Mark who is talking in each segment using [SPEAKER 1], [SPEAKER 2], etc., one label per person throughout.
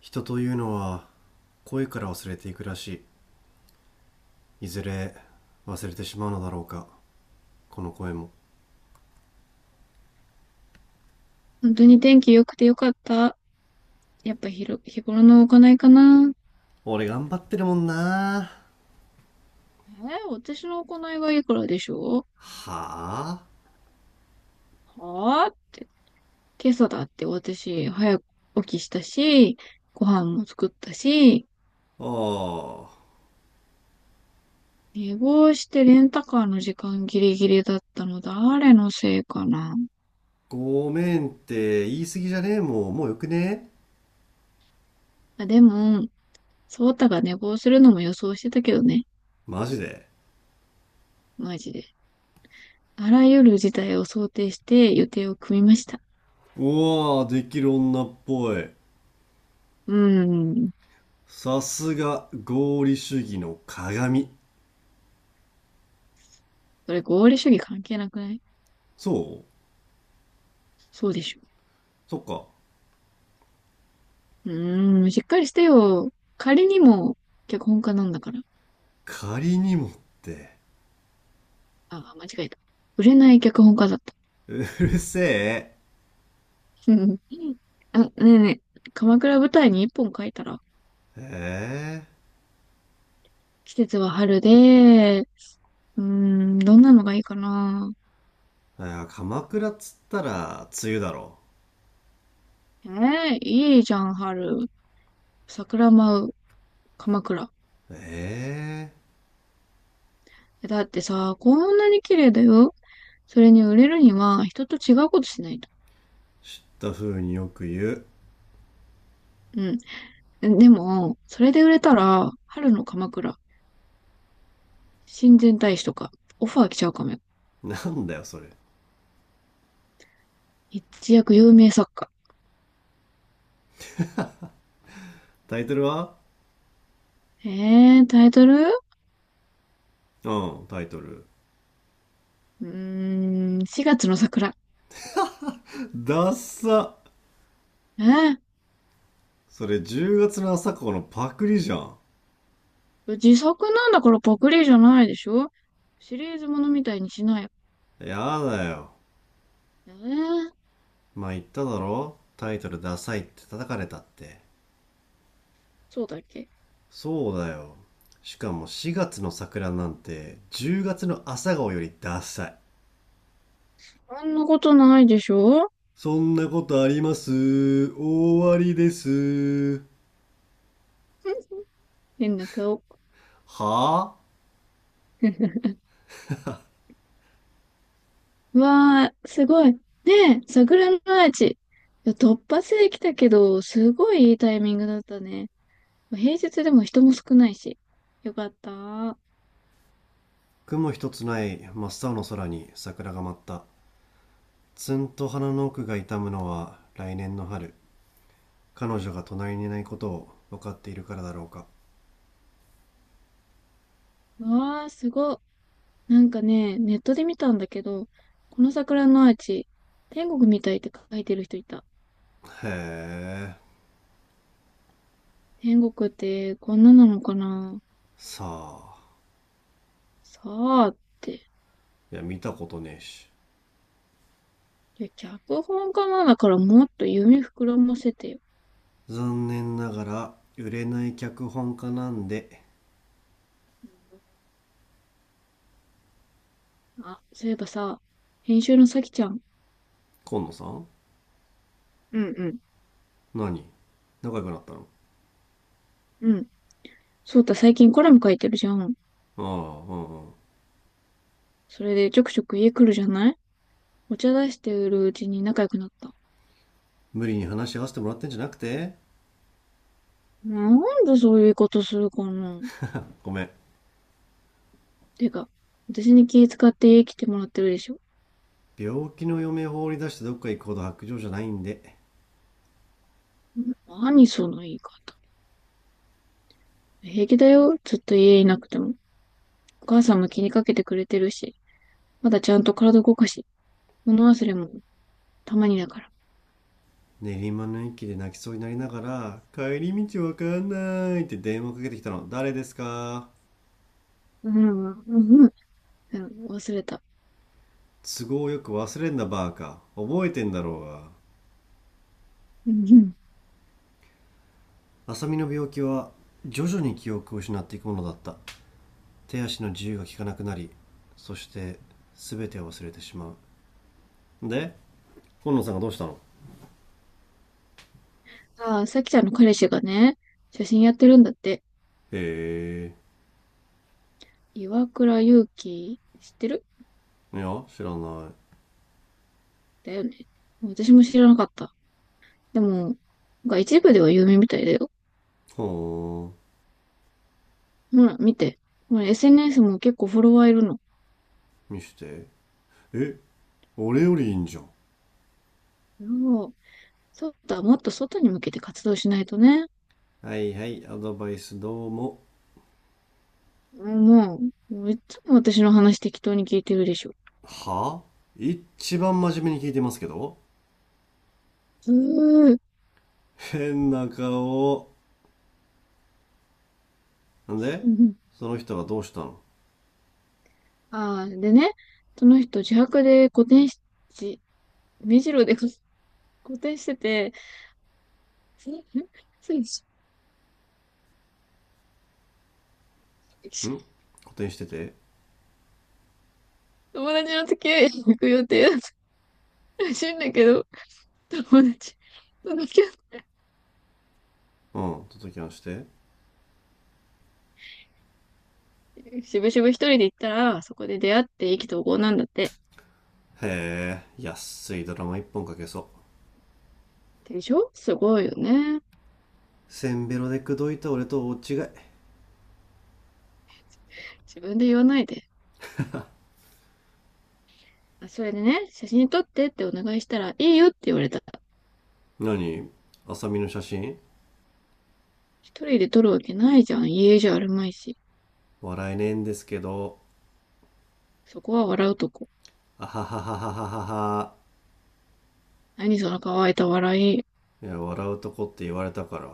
[SPEAKER 1] 人というのは声から忘れていくらしい。いずれ忘れてしまうのだろうか。この声も。
[SPEAKER 2] 本当に天気良くてよかった。やっぱひろ、日頃の行いかな。
[SPEAKER 1] 俺頑張ってるもんな。
[SPEAKER 2] 私の行いはいくらでしょ
[SPEAKER 1] はあ。
[SPEAKER 2] うはぁって。今朝だって私、早く起きしたし、ご飯も作ったし、
[SPEAKER 1] ああ。
[SPEAKER 2] 寝坊してレンタカーの時間ギリギリだったの誰のせいかな。
[SPEAKER 1] ごめんって言い過ぎじゃねえもん。もうよくねえ。
[SPEAKER 2] あ、でも、ソータが寝坊するのも予想してたけどね。
[SPEAKER 1] マジで。
[SPEAKER 2] マジで。あらゆる事態を想定して予定を組みました。
[SPEAKER 1] うわあ、できる女っぽい。
[SPEAKER 2] うーん。
[SPEAKER 1] さすが合理主義の鏡。
[SPEAKER 2] それ合理主義関係なくない？
[SPEAKER 1] そう。
[SPEAKER 2] そうでしょ？
[SPEAKER 1] そっか。
[SPEAKER 2] うしっかりしてよ。仮にも脚本家なんだから。
[SPEAKER 1] 仮にもって。
[SPEAKER 2] あ、間違えた。売れない脚本家だった。
[SPEAKER 1] うるせえ。
[SPEAKER 2] うん。あ、ねえねえ、鎌倉舞台に一本書いたら、
[SPEAKER 1] ええー。
[SPEAKER 2] 季節は春で、どんなのがいいかな。
[SPEAKER 1] あー、鎌倉っつったら梅雨だろ。
[SPEAKER 2] ええいいじゃん、春。桜舞う、鎌倉。
[SPEAKER 1] えー。
[SPEAKER 2] えだってさ、こんなに綺麗だよ。それに売れるには、人と違うことしないと。
[SPEAKER 1] 知った風によく言う。
[SPEAKER 2] うん。でも、それで売れたら、春の鎌倉、親善大使とか、オファー来ちゃうかもよ。
[SPEAKER 1] なんだよそれ。
[SPEAKER 2] 一躍有名作家。
[SPEAKER 1] タイトルは？
[SPEAKER 2] タイトル
[SPEAKER 1] うん、タイトル。
[SPEAKER 2] 4月の桜。
[SPEAKER 1] ダッサ。
[SPEAKER 2] えー、
[SPEAKER 1] それ、10月の朝顔のパクリじゃん。
[SPEAKER 2] 自作なんだからパクリじゃないでしょ？シリーズものみたいにしない。
[SPEAKER 1] やだよ。
[SPEAKER 2] えー、
[SPEAKER 1] まあ言っただろ、タイトルダサいって叩かれたって。
[SPEAKER 2] そうだっけ？
[SPEAKER 1] そうだよ。しかも4月の桜なんて10月の朝顔よりダサい。
[SPEAKER 2] あんなことないでしょ？
[SPEAKER 1] そんなことあります。終わりです。
[SPEAKER 2] 変な顔。
[SPEAKER 1] はあ。
[SPEAKER 2] わー、すごい。ねえ、桜のアーチ。いや突発で来たけど、すごいいいタイミングだったね。平日でも人も少ないし。よかった。わ
[SPEAKER 1] 雲一つない真っ青の空に桜が舞った。ツンと鼻の奥が痛むのは来年の春。彼女が隣にいないことを分かっているからだろうか。
[SPEAKER 2] ー、すごい。なんかね、ネットで見たんだけど、この桜のアーチ、天国みたいって書いてる人いた。
[SPEAKER 1] へえ。
[SPEAKER 2] 天国ってこんななのかな？
[SPEAKER 1] さあ。
[SPEAKER 2] さあって。
[SPEAKER 1] いや、見たことねえし。
[SPEAKER 2] いや、脚本家なんだからもっと夢膨らませてよ。
[SPEAKER 1] 残念ながら売れない脚本家なんで。
[SPEAKER 2] うん。あ、そういえばさ、編集のさきちゃん。
[SPEAKER 1] 今野さん？
[SPEAKER 2] うんうん。
[SPEAKER 1] 何、仲良くなったの？
[SPEAKER 2] うん。そうた、最近コラム書いてるじゃん。
[SPEAKER 1] ああ、うんうん。
[SPEAKER 2] それでちょくちょく家来るじゃない？お茶出してるうちに仲良くなった。
[SPEAKER 1] 無理に話し合わせてもらってんじゃなくて。
[SPEAKER 2] なんでそういうことするかな？
[SPEAKER 1] ごめん。
[SPEAKER 2] てか、私に気遣って家来てもらってるでしょ？
[SPEAKER 1] 病気の嫁放り出してどっか行くほど白状じゃないんで。
[SPEAKER 2] 何その言い方。平気だよ。ずっと家いなくても。お母さんも気にかけてくれてるし。まだちゃんと体動かし。物忘れもたまにだから。
[SPEAKER 1] 練馬の駅で泣きそうになりながら、帰り道わかんないって電話かけてきたの、誰ですか？
[SPEAKER 2] うん、うん、うん。忘れた。
[SPEAKER 1] 都合よく忘れんなバーカ。覚えてんだろうが。
[SPEAKER 2] うん、うん。
[SPEAKER 1] 浅見の病気は徐々に記憶を失っていくものだった。手足の自由が利かなくなり、そして全てを忘れてしまう。で、今野さんがどうしたの？
[SPEAKER 2] ああ、さきちゃんの彼氏がね、写真やってるんだって。
[SPEAKER 1] へ
[SPEAKER 2] 岩倉祐希、知ってる？
[SPEAKER 1] え、いや、知らない。
[SPEAKER 2] だよね。私も知らなかった。でも、なんか一部では有名みたいだよ。
[SPEAKER 1] ほ
[SPEAKER 2] ほら、見て。これ SNS も結構フォロワーいるの。
[SPEAKER 1] ー、見して。え、俺よりいいんじゃん。
[SPEAKER 2] そう、そうだ、もっと外に向けて活動しないとね。
[SPEAKER 1] はいはい、アドバイスどうも。
[SPEAKER 2] もう、もういつも私の話適当に聞いてるでしょ？
[SPEAKER 1] はあ。一番真面目に聞いてますけど。
[SPEAKER 2] うーん。
[SPEAKER 1] 変な顔。なんで、その人がどうしたのん？
[SPEAKER 2] ああ、でね、その人自白で古典し、じ目白で古典してて、んんつい
[SPEAKER 1] 補填してて。
[SPEAKER 2] 友達の付き合いに行く予定だったらしいんだけど、友達と付き合っ
[SPEAKER 1] うん、届きましてへ。
[SPEAKER 2] てしぶしぶ一人で行ったら、そこで出会って意気投合なんだって。
[SPEAKER 1] え、安いドラマ一本かけそう。
[SPEAKER 2] でしょ？すごいよね。
[SPEAKER 1] せんべろで口説いた俺と大違い。
[SPEAKER 2] 自分で言わないで。あ、それでね、写真撮ってってお願いしたら、いいよって言われた。
[SPEAKER 1] 何？あさみの写真？
[SPEAKER 2] 一人で取るわけないじゃん。家じゃあるまいし。
[SPEAKER 1] 笑えねえんですけど。
[SPEAKER 2] そこは笑うとこ。
[SPEAKER 1] あはははははは。
[SPEAKER 2] 何その乾いた笑い。
[SPEAKER 1] いや、笑うとこって言われたから。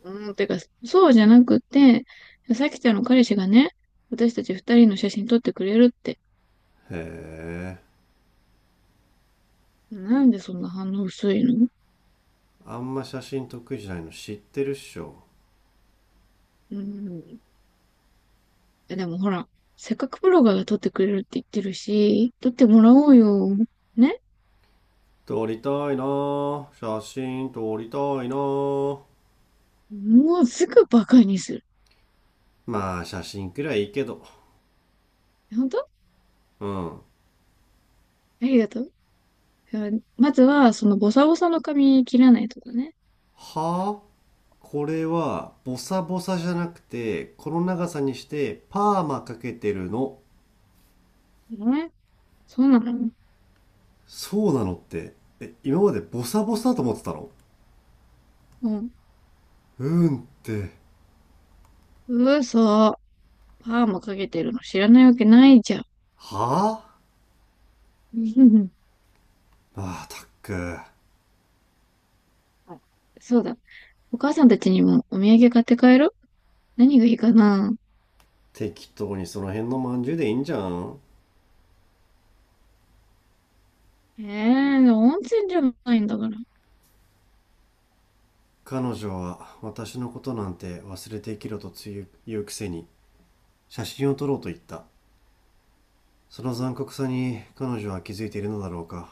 [SPEAKER 2] うん、てか、そうじゃなくて、さきちゃんの彼氏がね、私たち二人の写真撮ってくれるって。
[SPEAKER 1] へえ。
[SPEAKER 2] なんでそんな反応薄いの？
[SPEAKER 1] あんま写真得意じゃないの知ってるっしょ？
[SPEAKER 2] うん。でもほら、せっかくブロガーが撮ってくれるって言ってるし、撮ってもらおうよ。ね。
[SPEAKER 1] 撮りたいなぁ、写真撮りたいなぁ。
[SPEAKER 2] もうすぐバカにする。
[SPEAKER 1] まあ写真くらいいいけど。
[SPEAKER 2] 本当あ
[SPEAKER 1] うん、は
[SPEAKER 2] りがとう。まずは、そのボサボサの髪切らないとかね。
[SPEAKER 1] ぁ。これはボサボサじゃなくて、この長さにしてパーマかけてるの。
[SPEAKER 2] ね？そうなの？
[SPEAKER 1] そうなのって？え、今までボサボサだと思ってたの？
[SPEAKER 2] うん。
[SPEAKER 1] うんって？
[SPEAKER 2] 嘘。パーマかけてるの知らないわけないじゃん。
[SPEAKER 1] はあ。
[SPEAKER 2] うん。
[SPEAKER 1] まあたっく。
[SPEAKER 2] あ そうだ。お母さんたちにもお土産買って帰る？何がいいかな？
[SPEAKER 1] 適当にその辺のまんじゅうでいいんじゃん。
[SPEAKER 2] ええー、温泉じゃないんだから。
[SPEAKER 1] 彼女は私のことなんて忘れて生きろとつゆ言うくせに、写真を撮ろうと言った。その残酷さに彼女は気づいているのだろうか。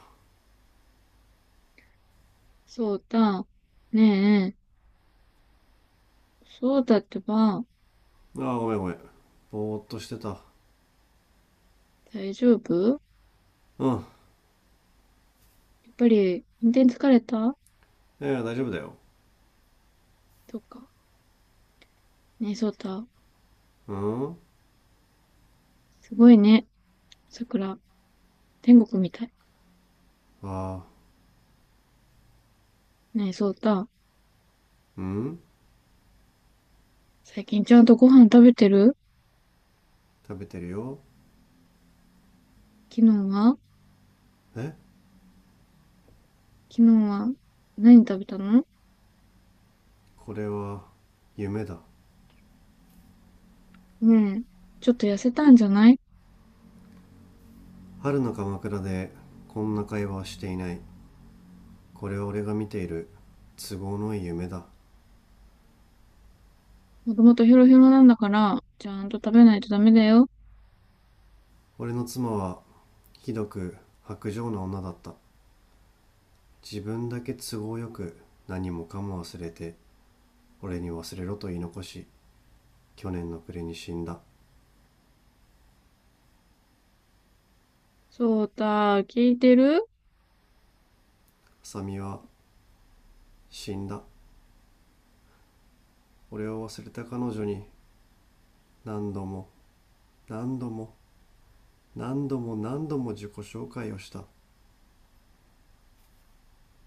[SPEAKER 2] そうだ。ねえ、そうだってば、
[SPEAKER 1] ああ、ごめんごめん。ぼーっとしてた。
[SPEAKER 2] 大丈夫？
[SPEAKER 1] うん。
[SPEAKER 2] やっぱり、運転疲れた？
[SPEAKER 1] いやいや、大丈夫だよ。
[SPEAKER 2] うか。ねえ、そうだ。
[SPEAKER 1] うん。
[SPEAKER 2] すごいね、桜。天国みたい。
[SPEAKER 1] ああ。
[SPEAKER 2] ねえ、そうだ。
[SPEAKER 1] うん。
[SPEAKER 2] 最近ちゃんとご飯食べてる？
[SPEAKER 1] 食べてるよ。
[SPEAKER 2] 昨日は
[SPEAKER 1] え。
[SPEAKER 2] 昨日は何食べたの？
[SPEAKER 1] これは夢だ。
[SPEAKER 2] ねえ、ちょっと痩せたんじゃない？
[SPEAKER 1] 春の鎌倉でこんな会話はしていない。これは俺が見ている都合のいい夢だ。
[SPEAKER 2] もともとヘロヘロなんだから、ちゃんと食べないとダメだよ。
[SPEAKER 1] 俺の妻はひどく薄情な女だった。自分だけ都合よく何もかも忘れて、俺に忘れろと言い残し、去年の暮れに死んだ。
[SPEAKER 2] そうた、聞いてる？
[SPEAKER 1] 浅見は死んだ。俺を忘れた彼女に何度も、何度も、何度も何度も自己紹介をした。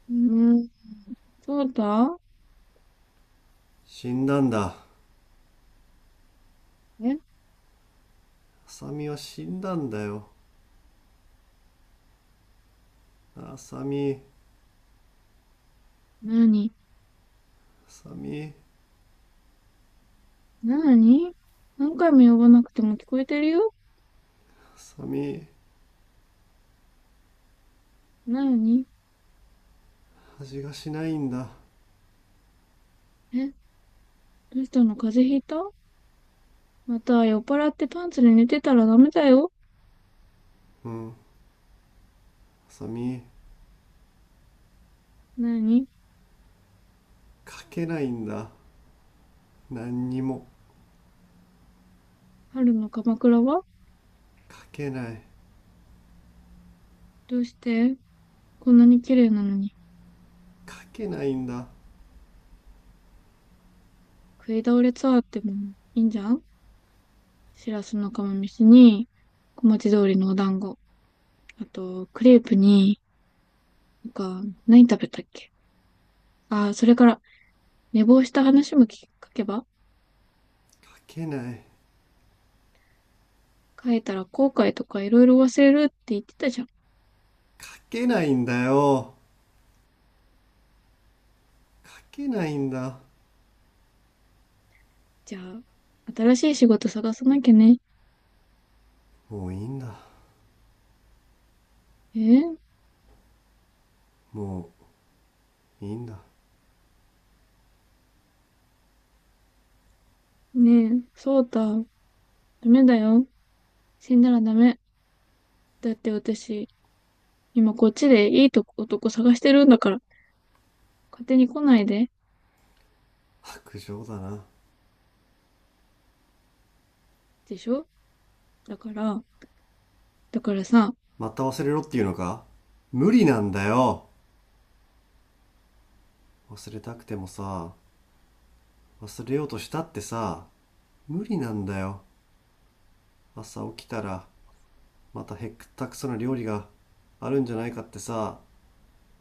[SPEAKER 2] うん、そうた。
[SPEAKER 1] 死んだんだ。
[SPEAKER 2] え？
[SPEAKER 1] 浅見は死んだんだよ。浅見。
[SPEAKER 2] なに。
[SPEAKER 1] 浅見。
[SPEAKER 2] なに？何回も呼ばなくても聞こえてるよ。
[SPEAKER 1] 浅見。
[SPEAKER 2] なに？
[SPEAKER 1] 味がしないんだ。
[SPEAKER 2] え？どうしたの？風邪ひいた？また酔っ払ってパンツで寝てたらダメだよ。
[SPEAKER 1] うん。浅見。
[SPEAKER 2] なに？
[SPEAKER 1] 書けないんだ。何にも。
[SPEAKER 2] 春の鎌倉は、
[SPEAKER 1] 書けない。
[SPEAKER 2] どうして、こんなに綺麗なのに。
[SPEAKER 1] 書けないんだ。
[SPEAKER 2] 食い倒れツアーってもいいんじゃん。しらすの釜飯に小町通りのお団子。あと、クレープに、なんか、何食べたっけ？ああ、それから、寝坊した話も聞けば、
[SPEAKER 1] 書けない。
[SPEAKER 2] 書いたら後悔とかいろいろ忘れるって言ってたじゃん。
[SPEAKER 1] 書けないんだよ。書けないんだ。
[SPEAKER 2] じゃあ、新しい仕事探さなきゃね。
[SPEAKER 1] もういいんだ。
[SPEAKER 2] えー、
[SPEAKER 1] もういいんだ。
[SPEAKER 2] ねえ、そうた、ダメだよ。死んだらダメ。だって私、今こっちでいいとこ男探してるんだから、勝手に来ないで。
[SPEAKER 1] 白状だな。
[SPEAKER 2] でしょ？だから、だからさ、
[SPEAKER 1] また忘れろっていうのか。無理なんだよ。忘れたくてもさ。忘れようとしたってさ。無理なんだよ。朝起きたらまたへったくそな料理があるんじゃないかってさ。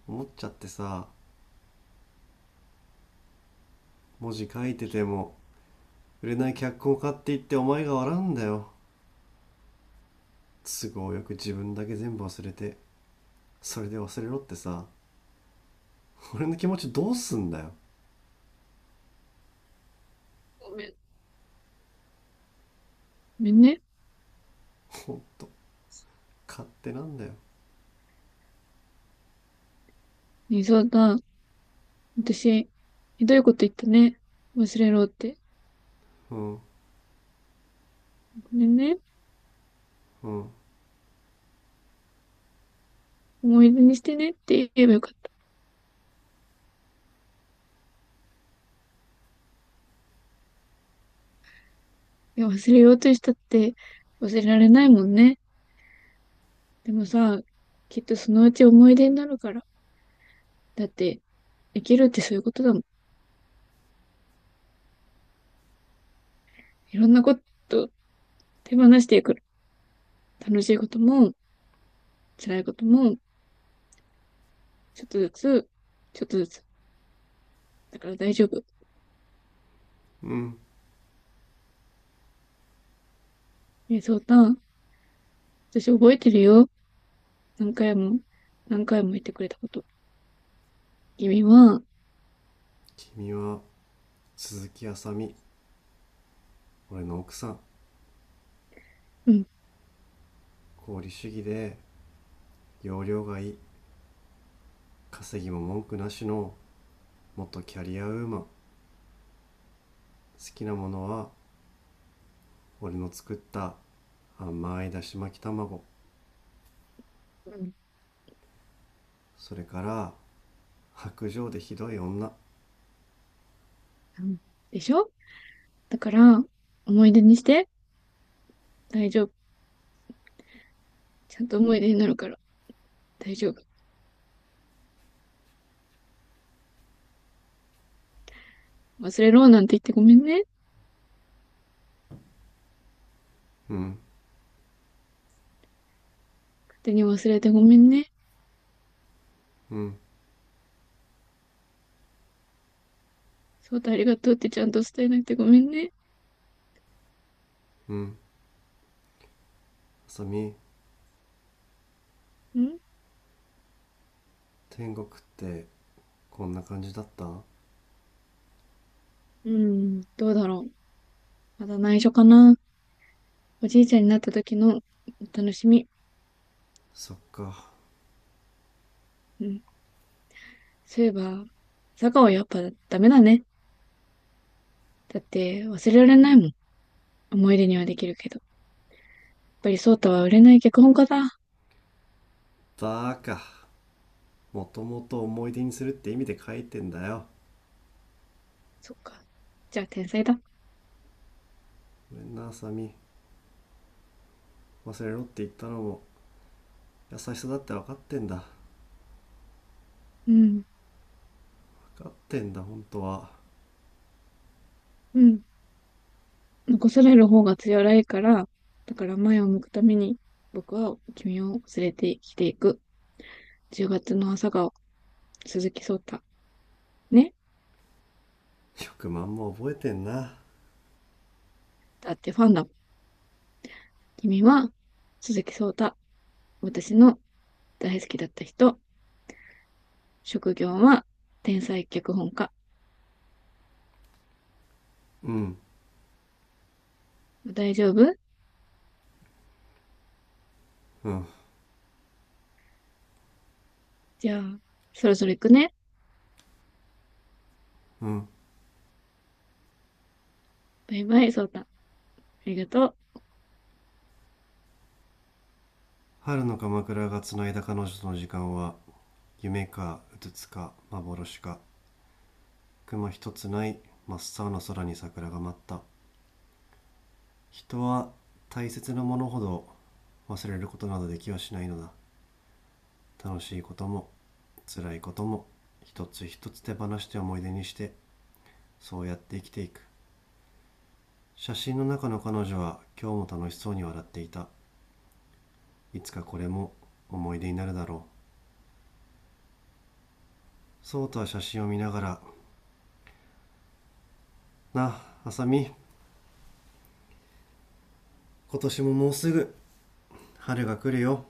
[SPEAKER 1] 思っちゃってさ。文字書いてても、売れない脚本を買って言ってお前が笑うんだよ。都合よく自分だけ全部忘れて、それで忘れろってさ。俺の気持ちどうすんだよ。
[SPEAKER 2] ごめん、ごめんね。
[SPEAKER 1] ほんと、勝手なんだよ。
[SPEAKER 2] ねえ、そうた、私、ひどいこと言ったね。忘れろって。
[SPEAKER 1] うん。
[SPEAKER 2] これね、
[SPEAKER 1] うん。
[SPEAKER 2] 思い出にしてねって言えばよかった。いや、忘れようとしたって忘れられないもんね。でもさ、きっとそのうち思い出になるから。だって、生きるってそういうことだもん。いろんなこと手放していく。楽しいことも、辛いことも、ちょっとずつ、ちょっとずつ。だから大丈夫。
[SPEAKER 1] うん。
[SPEAKER 2] え、そうたん、私覚えてるよ。何回も、何回も言ってくれたこと。君は、
[SPEAKER 1] 君は鈴木あさみ、俺の奥さん。
[SPEAKER 2] うん、
[SPEAKER 1] 功利主義で容量がいい、稼ぎも文句なしの元キャリアウーマン。好きなものは俺の作った甘いだし巻き卵。
[SPEAKER 2] うん、
[SPEAKER 1] それから白状でひどい女。
[SPEAKER 2] うん。でしょ？だから、思い出にして、大丈夫。ちゃんと思い出になるから大丈夫。忘れろなんて言ってごめんね。
[SPEAKER 1] うん、
[SPEAKER 2] 勝手に忘れてごめんね。
[SPEAKER 1] うん、
[SPEAKER 2] 翔太ありがとうってちゃんと伝えなくてごめんね。
[SPEAKER 1] うん。あさみ、
[SPEAKER 2] ん。
[SPEAKER 1] 天国ってこんな感じだった？
[SPEAKER 2] うん、どうだろう。まだ内緒かな。おじいちゃんになった時のお楽しみ。
[SPEAKER 1] そっか。
[SPEAKER 2] うん。そういえば、坂はやっぱダメだね。だって忘れられないもん。思い出にはできるけど。やっぱり翔太は売れない脚本家だ。
[SPEAKER 1] バーカ、もともと思い出にするって意味で書いてんだよ。
[SPEAKER 2] そっか。じゃあ天才だ。
[SPEAKER 1] ごめんな、あさみ。忘れろって言ったのも優しさだって分かってんだ。
[SPEAKER 2] うん。
[SPEAKER 1] 分かってんだ、本当は。
[SPEAKER 2] うん。残される方が辛いから、だから前を向くために、僕は君を連れて生きていく。10月の朝顔、鈴木聡太。ね。
[SPEAKER 1] 10ま万も覚えてんな。
[SPEAKER 2] だってファンだ。君は鈴木聡太。私の大好きだった人。職業は天才脚本家。
[SPEAKER 1] うん、
[SPEAKER 2] 大丈夫？
[SPEAKER 1] うん、
[SPEAKER 2] じゃあ、そろそろ行くね。
[SPEAKER 1] うん。
[SPEAKER 2] バイバイ、聡太。ありがとう。
[SPEAKER 1] 春の鎌倉がつないだ彼女との時間は、夢かうつつか幻か。雲一つない真っ青な空に桜が舞った。人は大切なものほど忘れることなどできはしないのだ。楽しいことも、辛いことも、一つ一つ手放して思い出にして、そうやって生きていく。写真の中の彼女は今日も楽しそうに笑っていた。いつかこれも思い出になるだろう。そうとは写真を見ながら、なあ、あさみ、今年ももうすぐ春が来るよ。